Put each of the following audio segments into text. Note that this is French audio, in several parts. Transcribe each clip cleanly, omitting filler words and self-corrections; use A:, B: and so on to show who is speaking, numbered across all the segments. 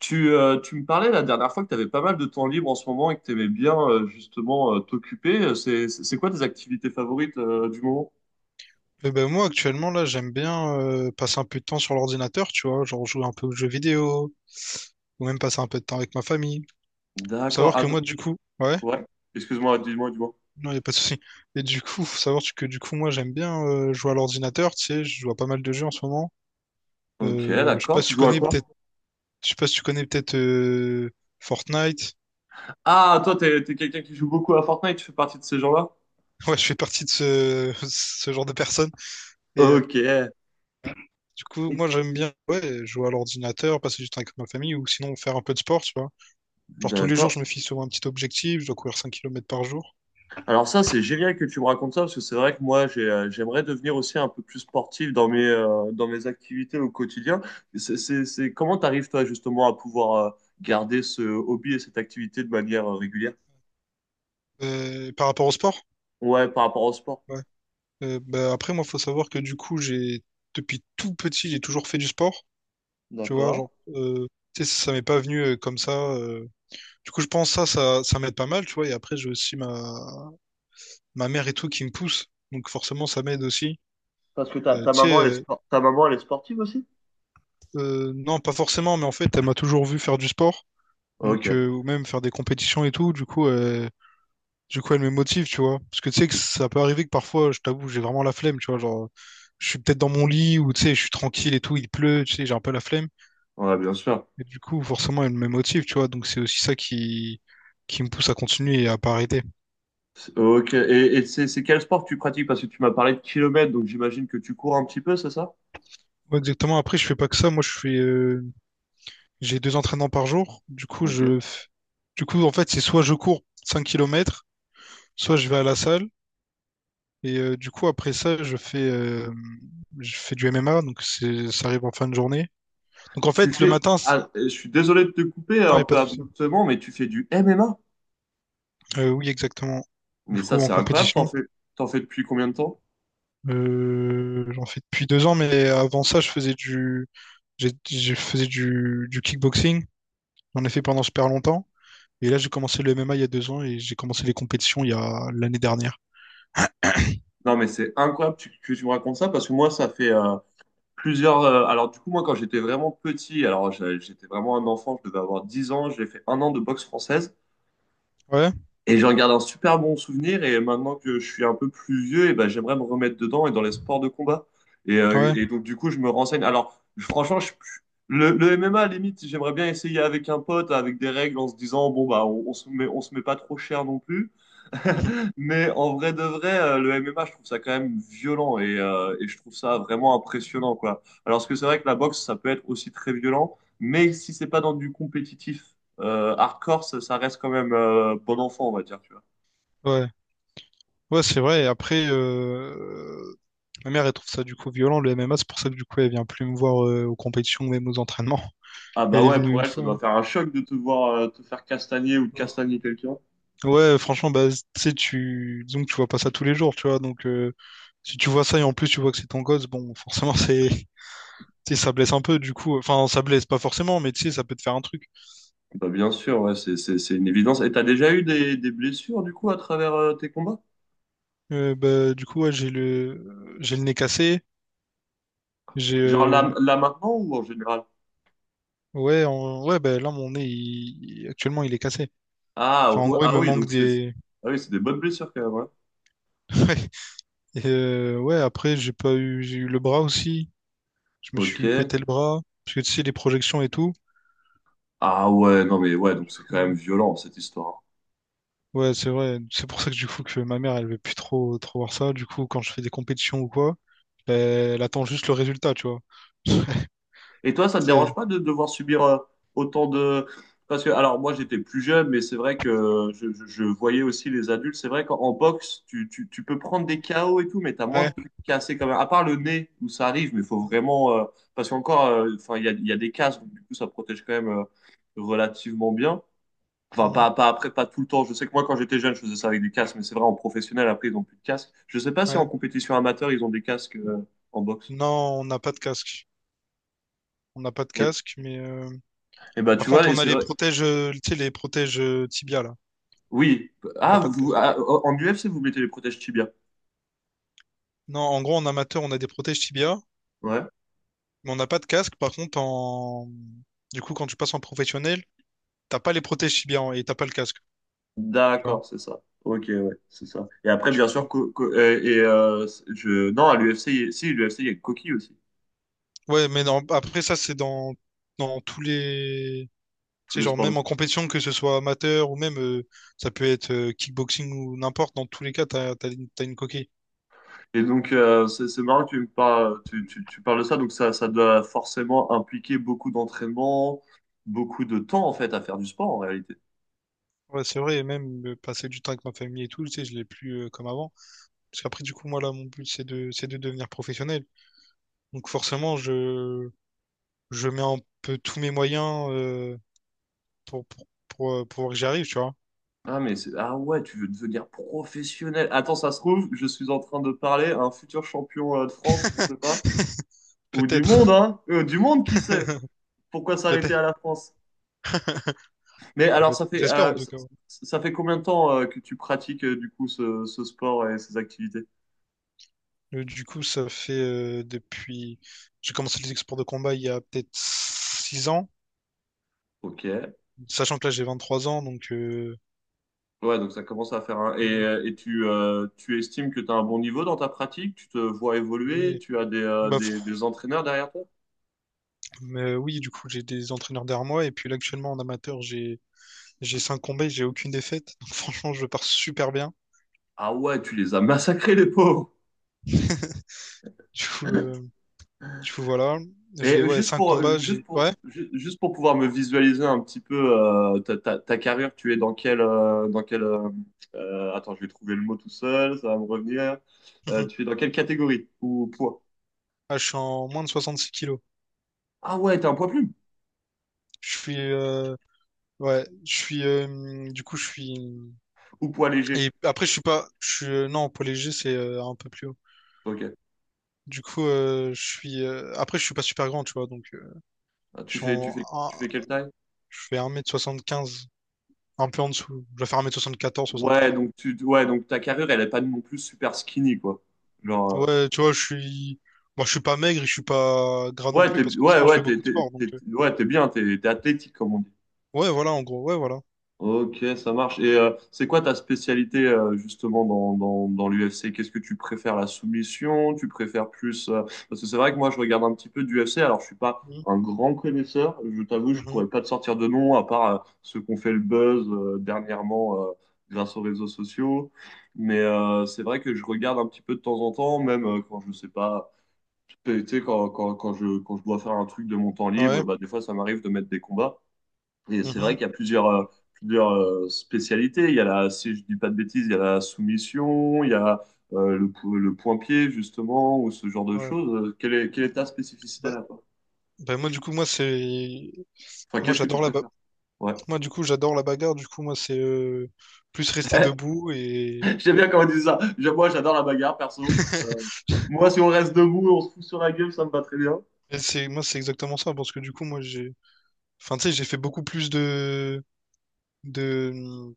A: Tu me parlais la dernière fois que tu avais pas mal de temps libre en ce moment et que tu aimais bien justement t'occuper. C'est quoi tes activités favorites du moment?
B: Eh ben moi actuellement là j'aime bien passer un peu de temps sur l'ordinateur, tu vois, genre jouer un peu aux jeux vidéo, ou même passer un peu de temps avec ma famille. Faut
A: D'accord.
B: savoir
A: Ah,
B: que moi du coup, ouais,
A: ouais. Excuse-moi, dis-moi, dis-moi.
B: non y a pas de souci. Et du coup, faut savoir que du coup moi j'aime bien jouer à l'ordinateur, tu sais, je joue à pas mal de jeux en ce moment.
A: Ok,
B: Je sais
A: d'accord.
B: pas si
A: Tu
B: tu
A: joues à
B: connais
A: quoi?
B: peut-être, je sais pas si tu connais peut-être Fortnite.
A: Ah, toi, t'es quelqu'un qui joue beaucoup à Fortnite. Tu fais partie de ces gens-là?
B: Ouais, je fais partie de ce, ce genre de personnes. Et
A: Ok.
B: du coup moi j'aime bien ouais jouer à l'ordinateur, passer du temps avec ma famille ou sinon faire un peu de sport, tu vois. Genre tous les jours,
A: D'accord.
B: je me fixe sur un petit objectif, je dois courir 5 km par jour.
A: Alors ça, c'est génial que tu me racontes ça, parce que c'est vrai que moi, j'aimerais devenir aussi un peu plus sportif dans dans mes activités au quotidien. Comment t'arrives, toi, justement, à pouvoir garder ce hobby et cette activité de manière régulière?
B: Par rapport au sport,
A: Ouais, par rapport au sport.
B: ouais. Bah, après, moi, faut savoir que du coup, j'ai depuis tout petit, j'ai toujours fait du sport. Tu vois,
A: D'accord.
B: genre, tu sais, ça m'est pas venu comme ça. Du coup, je pense ça m'aide pas mal, tu vois. Et après, j'ai aussi ma mère et tout qui me pousse. Donc forcément, ça m'aide aussi.
A: Parce que ta, ta
B: Tu sais,
A: maman, ta maman, elle est sportive aussi?
B: non, pas forcément, mais en fait, elle m'a toujours vu faire du sport. Donc,
A: Ok,
B: ou même faire des compétitions et tout. Du coup, elle me motive, tu vois. Parce que tu sais que ça peut arriver que parfois, je t'avoue, j'ai vraiment la flemme, tu vois. Genre, je suis peut-être dans mon lit ou tu sais, je suis tranquille et tout, il pleut, tu sais, j'ai un peu la flemme.
A: ouais, bien sûr.
B: Et du coup, forcément, elle me motive, tu vois. Donc, c'est aussi ça qui me pousse à continuer et à pas arrêter.
A: Ok, et c'est quel sport que tu pratiques? Parce que tu m'as parlé de kilomètres, donc j'imagine que tu cours un petit peu, c'est ça?
B: Ouais, exactement. Après, je fais pas que ça. Moi, j'ai deux entraînements par jour. Du coup, je,
A: Ok.
B: f- du coup, en fait, c'est soit je cours 5 km soit je vais à la salle. Et du coup, après ça, je fais du MMA. Donc, ça arrive en fin de journée. Donc, en fait, le matin.
A: Je suis désolé de te couper
B: Non, il
A: un
B: n'y a pas
A: peu
B: de souci.
A: abruptement, mais tu fais du MMA.
B: Oui, exactement. Du
A: Mais
B: coup,
A: ça,
B: en
A: c'est incroyable.
B: compétition,
A: T'en fais depuis combien de temps?
B: j'en fais depuis 2 ans, mais avant ça, je faisais du kickboxing. J'en ai fait pendant super longtemps. Et là, j'ai commencé le MMA il y a 2 ans et j'ai commencé les compétitions il y a l'année dernière.
A: Non, mais c'est incroyable que tu me racontes ça parce que moi, ça fait plusieurs. Alors, du coup, moi, quand j'étais vraiment petit, alors j'étais vraiment un enfant, je devais avoir 10 ans, j'ai fait un an de boxe française.
B: Ouais,
A: Et j'en garde un super bon souvenir. Et maintenant que je suis un peu plus vieux, et ben, j'aimerais me remettre dedans et dans les sports de combat.
B: ouais,
A: Et donc, du coup, je me renseigne. Alors, franchement, le MMA, à la limite, j'aimerais bien essayer avec un pote, avec des règles, en se disant, bon, bah, on on se met pas trop cher non plus. Mais en vrai de vrai, le MMA, je trouve ça quand même violent et je trouve ça vraiment impressionnant, quoi. Alors que c'est vrai que la boxe, ça peut être aussi très violent, mais si c'est pas dans du compétitif hardcore, ça reste quand même bon enfant, on va dire, tu vois.
B: ouais. Ouais, c'est vrai. Et après, ma mère, elle trouve ça du coup violent, le MMA. C'est pour ça que du coup, elle vient plus me voir aux compétitions, même aux entraînements.
A: Ah bah
B: Elle est
A: ouais,
B: venue
A: pour
B: une
A: elle, ça
B: fois.
A: doit faire un choc de te voir te faire castagner ou de castagner quelqu'un.
B: Ouais, franchement, bah, tu sais, disons que tu vois pas ça tous les jours, tu vois. Donc, si tu vois ça et en plus tu vois que c'est ton gosse, bon, forcément, c'est, tu sais, ça blesse un peu, du coup. Enfin, ça blesse pas forcément, mais tu sais, ça peut te faire un truc.
A: Bah bien sûr, ouais, c'est une évidence. Et t'as déjà eu des blessures, du coup, à travers tes combats?
B: Bah, du coup, ouais, j'ai le nez cassé. J'ai,
A: Genre là,
B: euh,
A: là maintenant ou en général?
B: ouais, ouais, bah, là, mon nez, actuellement, il est cassé.
A: Ah,
B: Enfin, en
A: ouais,
B: gros, il
A: ah
B: me
A: oui,
B: manque
A: donc
B: des.
A: c'est des bonnes blessures quand même. Ouais.
B: Ouais. Et, ouais, après, j'ai pas eu, j'ai eu le bras aussi. Je me
A: Ok.
B: suis pété le bras. Parce que tu sais, les projections et tout.
A: Ah ouais, non mais ouais, donc c'est quand même violent cette histoire, hein.
B: Ouais, c'est vrai. C'est pour ça que du coup que ma mère, elle veut plus trop trop voir ça. Du coup, quand je fais des compétitions ou quoi, ben, elle attend juste le résultat, tu vois.
A: Et toi, ça te
B: C'est
A: dérange pas de devoir subir autant de... Parce que, alors moi j'étais plus jeune, mais c'est vrai que je voyais aussi les adultes. C'est vrai qu'en en boxe, tu peux prendre des KO et tout, mais t'as moins de
B: Ouais,
A: trucs cassés quand même. À part le nez, où ça arrive, mais il faut vraiment... Parce qu'encore, enfin, il y a des casques, donc du coup ça protège quand même relativement bien. Enfin,
B: mm,
A: pas après, pas tout le temps. Je sais que moi, quand j'étais jeune, je faisais ça avec du casque mais c'est vrai, en professionnel, après, ils n'ont plus de casque. Je sais pas si en
B: ouais.
A: compétition amateur, ils ont des casques en boxe.
B: Non, on n'a pas de casque. On n'a pas de
A: Et,
B: casque, mais
A: et bah,
B: par
A: tu
B: contre,
A: vois, et
B: on a
A: c'est vrai.
B: les protèges tibia là.
A: Oui.
B: On n'a
A: Ah,
B: pas de
A: vous,
B: casque.
A: ah, en UFC, vous mettez les protèges tibia.
B: Non, en gros, en amateur, on a des protèges tibia,
A: Ouais.
B: mais on n'a pas de casque. Par contre, en du coup, quand tu passes en professionnel, t'as pas les protèges tibia et t'as pas le casque, tu vois.
A: D'accord, c'est ça. Ok, ouais, c'est ça. Et après,
B: Du
A: bien sûr,
B: coup,
A: Non, à l'UFC, si, l'UFC, il y a coquille aussi.
B: ouais, mais non, après ça, c'est dans tous les... Tu
A: Tous
B: sais,
A: les
B: genre
A: sports.
B: même en compétition, que ce soit amateur ou même, ça peut être kickboxing ou n'importe, dans tous les cas, t'as une coquille.
A: Et donc, c'est marrant que tu me parles, tu parles de ça. Donc, ça doit forcément impliquer beaucoup d'entraînement, beaucoup de temps, en fait, à faire du sport, en réalité.
B: Ouais, c'est vrai, et même passer du temps avec ma famille et tout, tu sais, je l'ai plus comme avant. Parce qu'après, du coup, moi, là, mon but, c'est de devenir professionnel. Donc forcément, je mets un peu tous mes moyens pour que j'y arrive, tu vois.
A: Ah, mais c'est, ah ouais, tu veux devenir professionnel. Attends, ça se trouve, je suis en train de parler à un futur champion de France, on ne sait pas. Ou du
B: Peut-être,
A: monde, hein. Du monde, qui sait? Pourquoi s'arrêter
B: peut-être,
A: à la France? Mais alors,
B: peut-être. J'espère en tout cas.
A: ça fait combien de temps que tu pratiques, du coup, ce sport et ces activités?
B: Du coup, ça fait depuis. J'ai commencé les exports de combat il y a peut-être 6 ans,
A: Ok.
B: sachant que là j'ai 23 ans, donc
A: Ouais, donc ça commence à faire un... Et,
B: euh,
A: tu estimes que tu as un bon niveau dans ta pratique? Tu te vois évoluer?
B: oui.
A: Tu as des, euh,
B: Bah,
A: des, des entraîneurs derrière toi?
B: mais oui, du coup, j'ai des entraîneurs derrière moi, et puis là, actuellement en amateur, j'ai 5 combats et j'ai aucune défaite. Donc franchement, je pars super bien.
A: Ah ouais, tu les as massacrés, les pauvres!
B: Du coup, euh, du coup, voilà. J'ai
A: Et
B: ouais, 5 combats, j'ai. Ouais.
A: juste pour pouvoir me visualiser un petit peu ta carrière, tu es dans quel attends, je vais trouver le mot tout seul, ça va me revenir. Tu es dans quelle catégorie ou poids?
B: Ah, je suis en moins de 66 kilos.
A: Ah ouais, t'es un poids plume
B: Je suis Ouais, je suis du coup je suis
A: ou poids léger?
B: Et après, je suis pas. Non, poids léger, c'est un peu plus haut.
A: Ok.
B: Du coup, je suis. Après, je suis pas super grand, tu vois. Donc,
A: Ah,
B: je suis en. un-
A: tu fais quelle taille?
B: je fais 1,75 m un peu en dessous. Je vais faire 1,74 m soixante
A: Ouais,
B: treize.
A: ouais, donc ta carrure, elle est pas non plus super skinny, quoi. Genre,
B: Ouais, tu vois, je suis. Bon, je suis pas maigre et je suis pas gras non
A: ouais,
B: plus,
A: t'es,
B: parce que
A: ouais,
B: forcément, je fais
A: ouais, t'es,
B: beaucoup de
A: t'es,
B: sport. Donc,
A: t'es- ouais, t'es athlétique, comme on
B: ouais, voilà, en gros, ouais, voilà.
A: Ok, ça marche. Et c'est quoi ta spécialité justement dans l'UFC? Qu'est-ce que tu préfères, la soumission? Tu préfères plus... Parce que c'est vrai que moi, je regarde un petit peu d'UFC. Alors, je suis pas
B: Mhm,
A: un grand connaisseur. Je t'avoue, je
B: mhm,
A: pourrais pas te sortir de nom, à part ceux qu'on fait le buzz dernièrement grâce aux réseaux sociaux. Mais c'est vrai que je regarde un petit peu de temps en temps, même quand je sais pas... Tu sais, quand je dois faire un truc de mon temps libre, et
B: ouais,
A: bah, des fois, ça m'arrive de mettre des combats. Et c'est vrai
B: mhm,
A: qu'il y a plusieurs spécialités. Il y a si je dis pas de bêtises, il y a la soumission, il y a le point-pied, justement, ou ce genre de
B: ouais.
A: choses. Quelle est ta spécificité
B: Bah,
A: là, toi.
B: bah, moi, du coup, moi, c'est.
A: Enfin,
B: Moi,
A: qu'est-ce que tu
B: j'adore la ba...
A: préfères? Ouais.
B: Moi, du coup, j'adore la bagarre. Du coup, moi, c'est plus rester debout et.
A: J'aime bien quand on dit ça. Moi, j'adore la bagarre, perso. Moi, si on reste debout, on se fout sur la gueule, ça me va très bien.
B: Et moi, c'est exactement ça, parce que du coup, moi, enfin, tu sais, j'ai fait beaucoup plus de,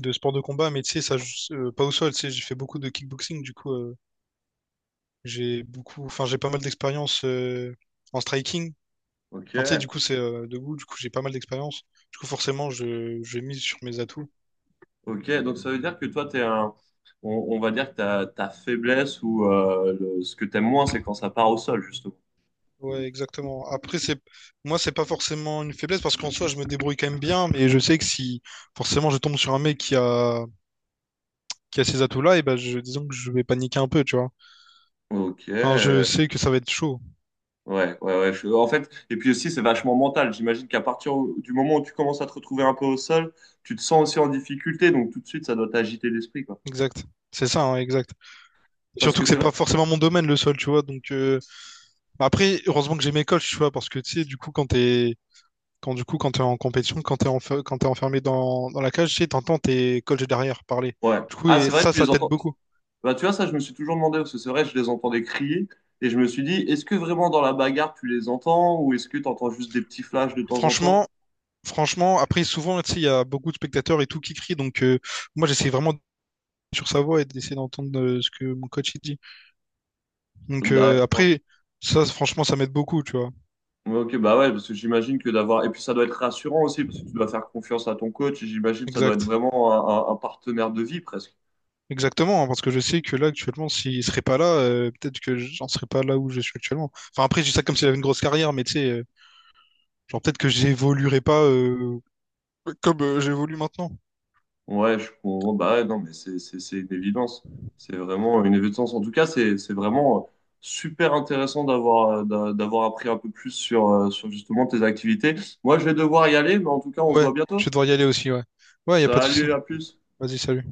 B: de sports de combat, mais tu sais, ça, pas au sol, tu sais, j'ai fait beaucoup de kickboxing, du coup, j'ai beaucoup, enfin, j'ai pas mal d'expérience en striking.
A: Ok,
B: Enfin, tu sais, du coup, c'est debout, du coup, j'ai pas mal d'expérience. Du coup, forcément, je mise sur mes atouts.
A: ok. Donc, ça veut dire que toi, t'es un... on, on va dire que ta faiblesse ou ce que t'aimes moins, c'est quand ça part au sol, justement.
B: Ouais, exactement. Après, moi, c'est pas forcément une faiblesse, parce qu'en soi, je me débrouille quand même bien, mais je sais que si, forcément, je tombe sur un mec qui a ces atouts-là, et ben, disons que je vais paniquer un peu, tu vois.
A: Ok,
B: Enfin, je sais que ça va être chaud.
A: ouais, ouais, ouais. En fait, et puis aussi, c'est vachement mental. J'imagine du moment où tu commences à te retrouver un peu au sol, tu te sens aussi en difficulté. Donc, tout de suite, ça doit t'agiter l'esprit, quoi.
B: Exact. C'est ça, hein, exact.
A: Parce
B: Surtout
A: que
B: que
A: c'est
B: c'est
A: vrai.
B: pas forcément mon domaine le sol, tu vois. Donc bah après, heureusement que j'ai mes coachs, tu vois, parce que tu sais, du coup, quand t'es en compétition, quand t'es enfermé dans la cage, tu sais, t'entends tes coachs derrière parler.
A: Ouais.
B: Du coup,
A: Ah,
B: et
A: c'est vrai,
B: ça,
A: tu
B: ça
A: les
B: t'aide
A: entends.
B: beaucoup.
A: Bah, tu vois, ça, je me suis toujours demandé, parce que c'est vrai, je les entendais crier. Et je me suis dit, est-ce que vraiment dans la bagarre, tu les entends? Ou est-ce que tu entends juste des petits flashs de temps en temps?
B: Franchement, franchement, après souvent, tu sais, il y a beaucoup de spectateurs et tout qui crient. Donc moi, j'essaie vraiment d'être sur sa voix et d'essayer d'entendre ce que mon coach il dit. Donc
A: D'accord.
B: après, ça, franchement, ça m'aide beaucoup, tu vois.
A: Ouais, Ok, bah ouais, parce que j'imagine que d'avoir. Et puis, ça doit être rassurant aussi, parce que tu dois faire confiance à ton coach. Et j'imagine que ça doit être
B: Exact.
A: vraiment un partenaire de vie, presque.
B: Exactement, hein, parce que je sais que là actuellement, s'il serait pas là, peut-être que j'en serais pas là où je suis actuellement. Enfin après, je dis ça comme s'il avait une grosse carrière, mais tu sais, genre peut-être que j'évoluerais pas comme j'évolue maintenant.
A: Ouais, je comprends. Bah ouais, non, mais c'est une évidence. C'est vraiment une évidence. En tout cas, c'est vraiment super intéressant d'avoir d'avoir appris un peu plus sur justement tes activités. Moi, je vais devoir y aller, mais en tout cas, on se
B: Ouais,
A: voit
B: je
A: bientôt.
B: vais devoir y aller aussi, ouais. Ouais, y a pas de
A: Salut,
B: souci.
A: à plus.
B: Vas-y, salut.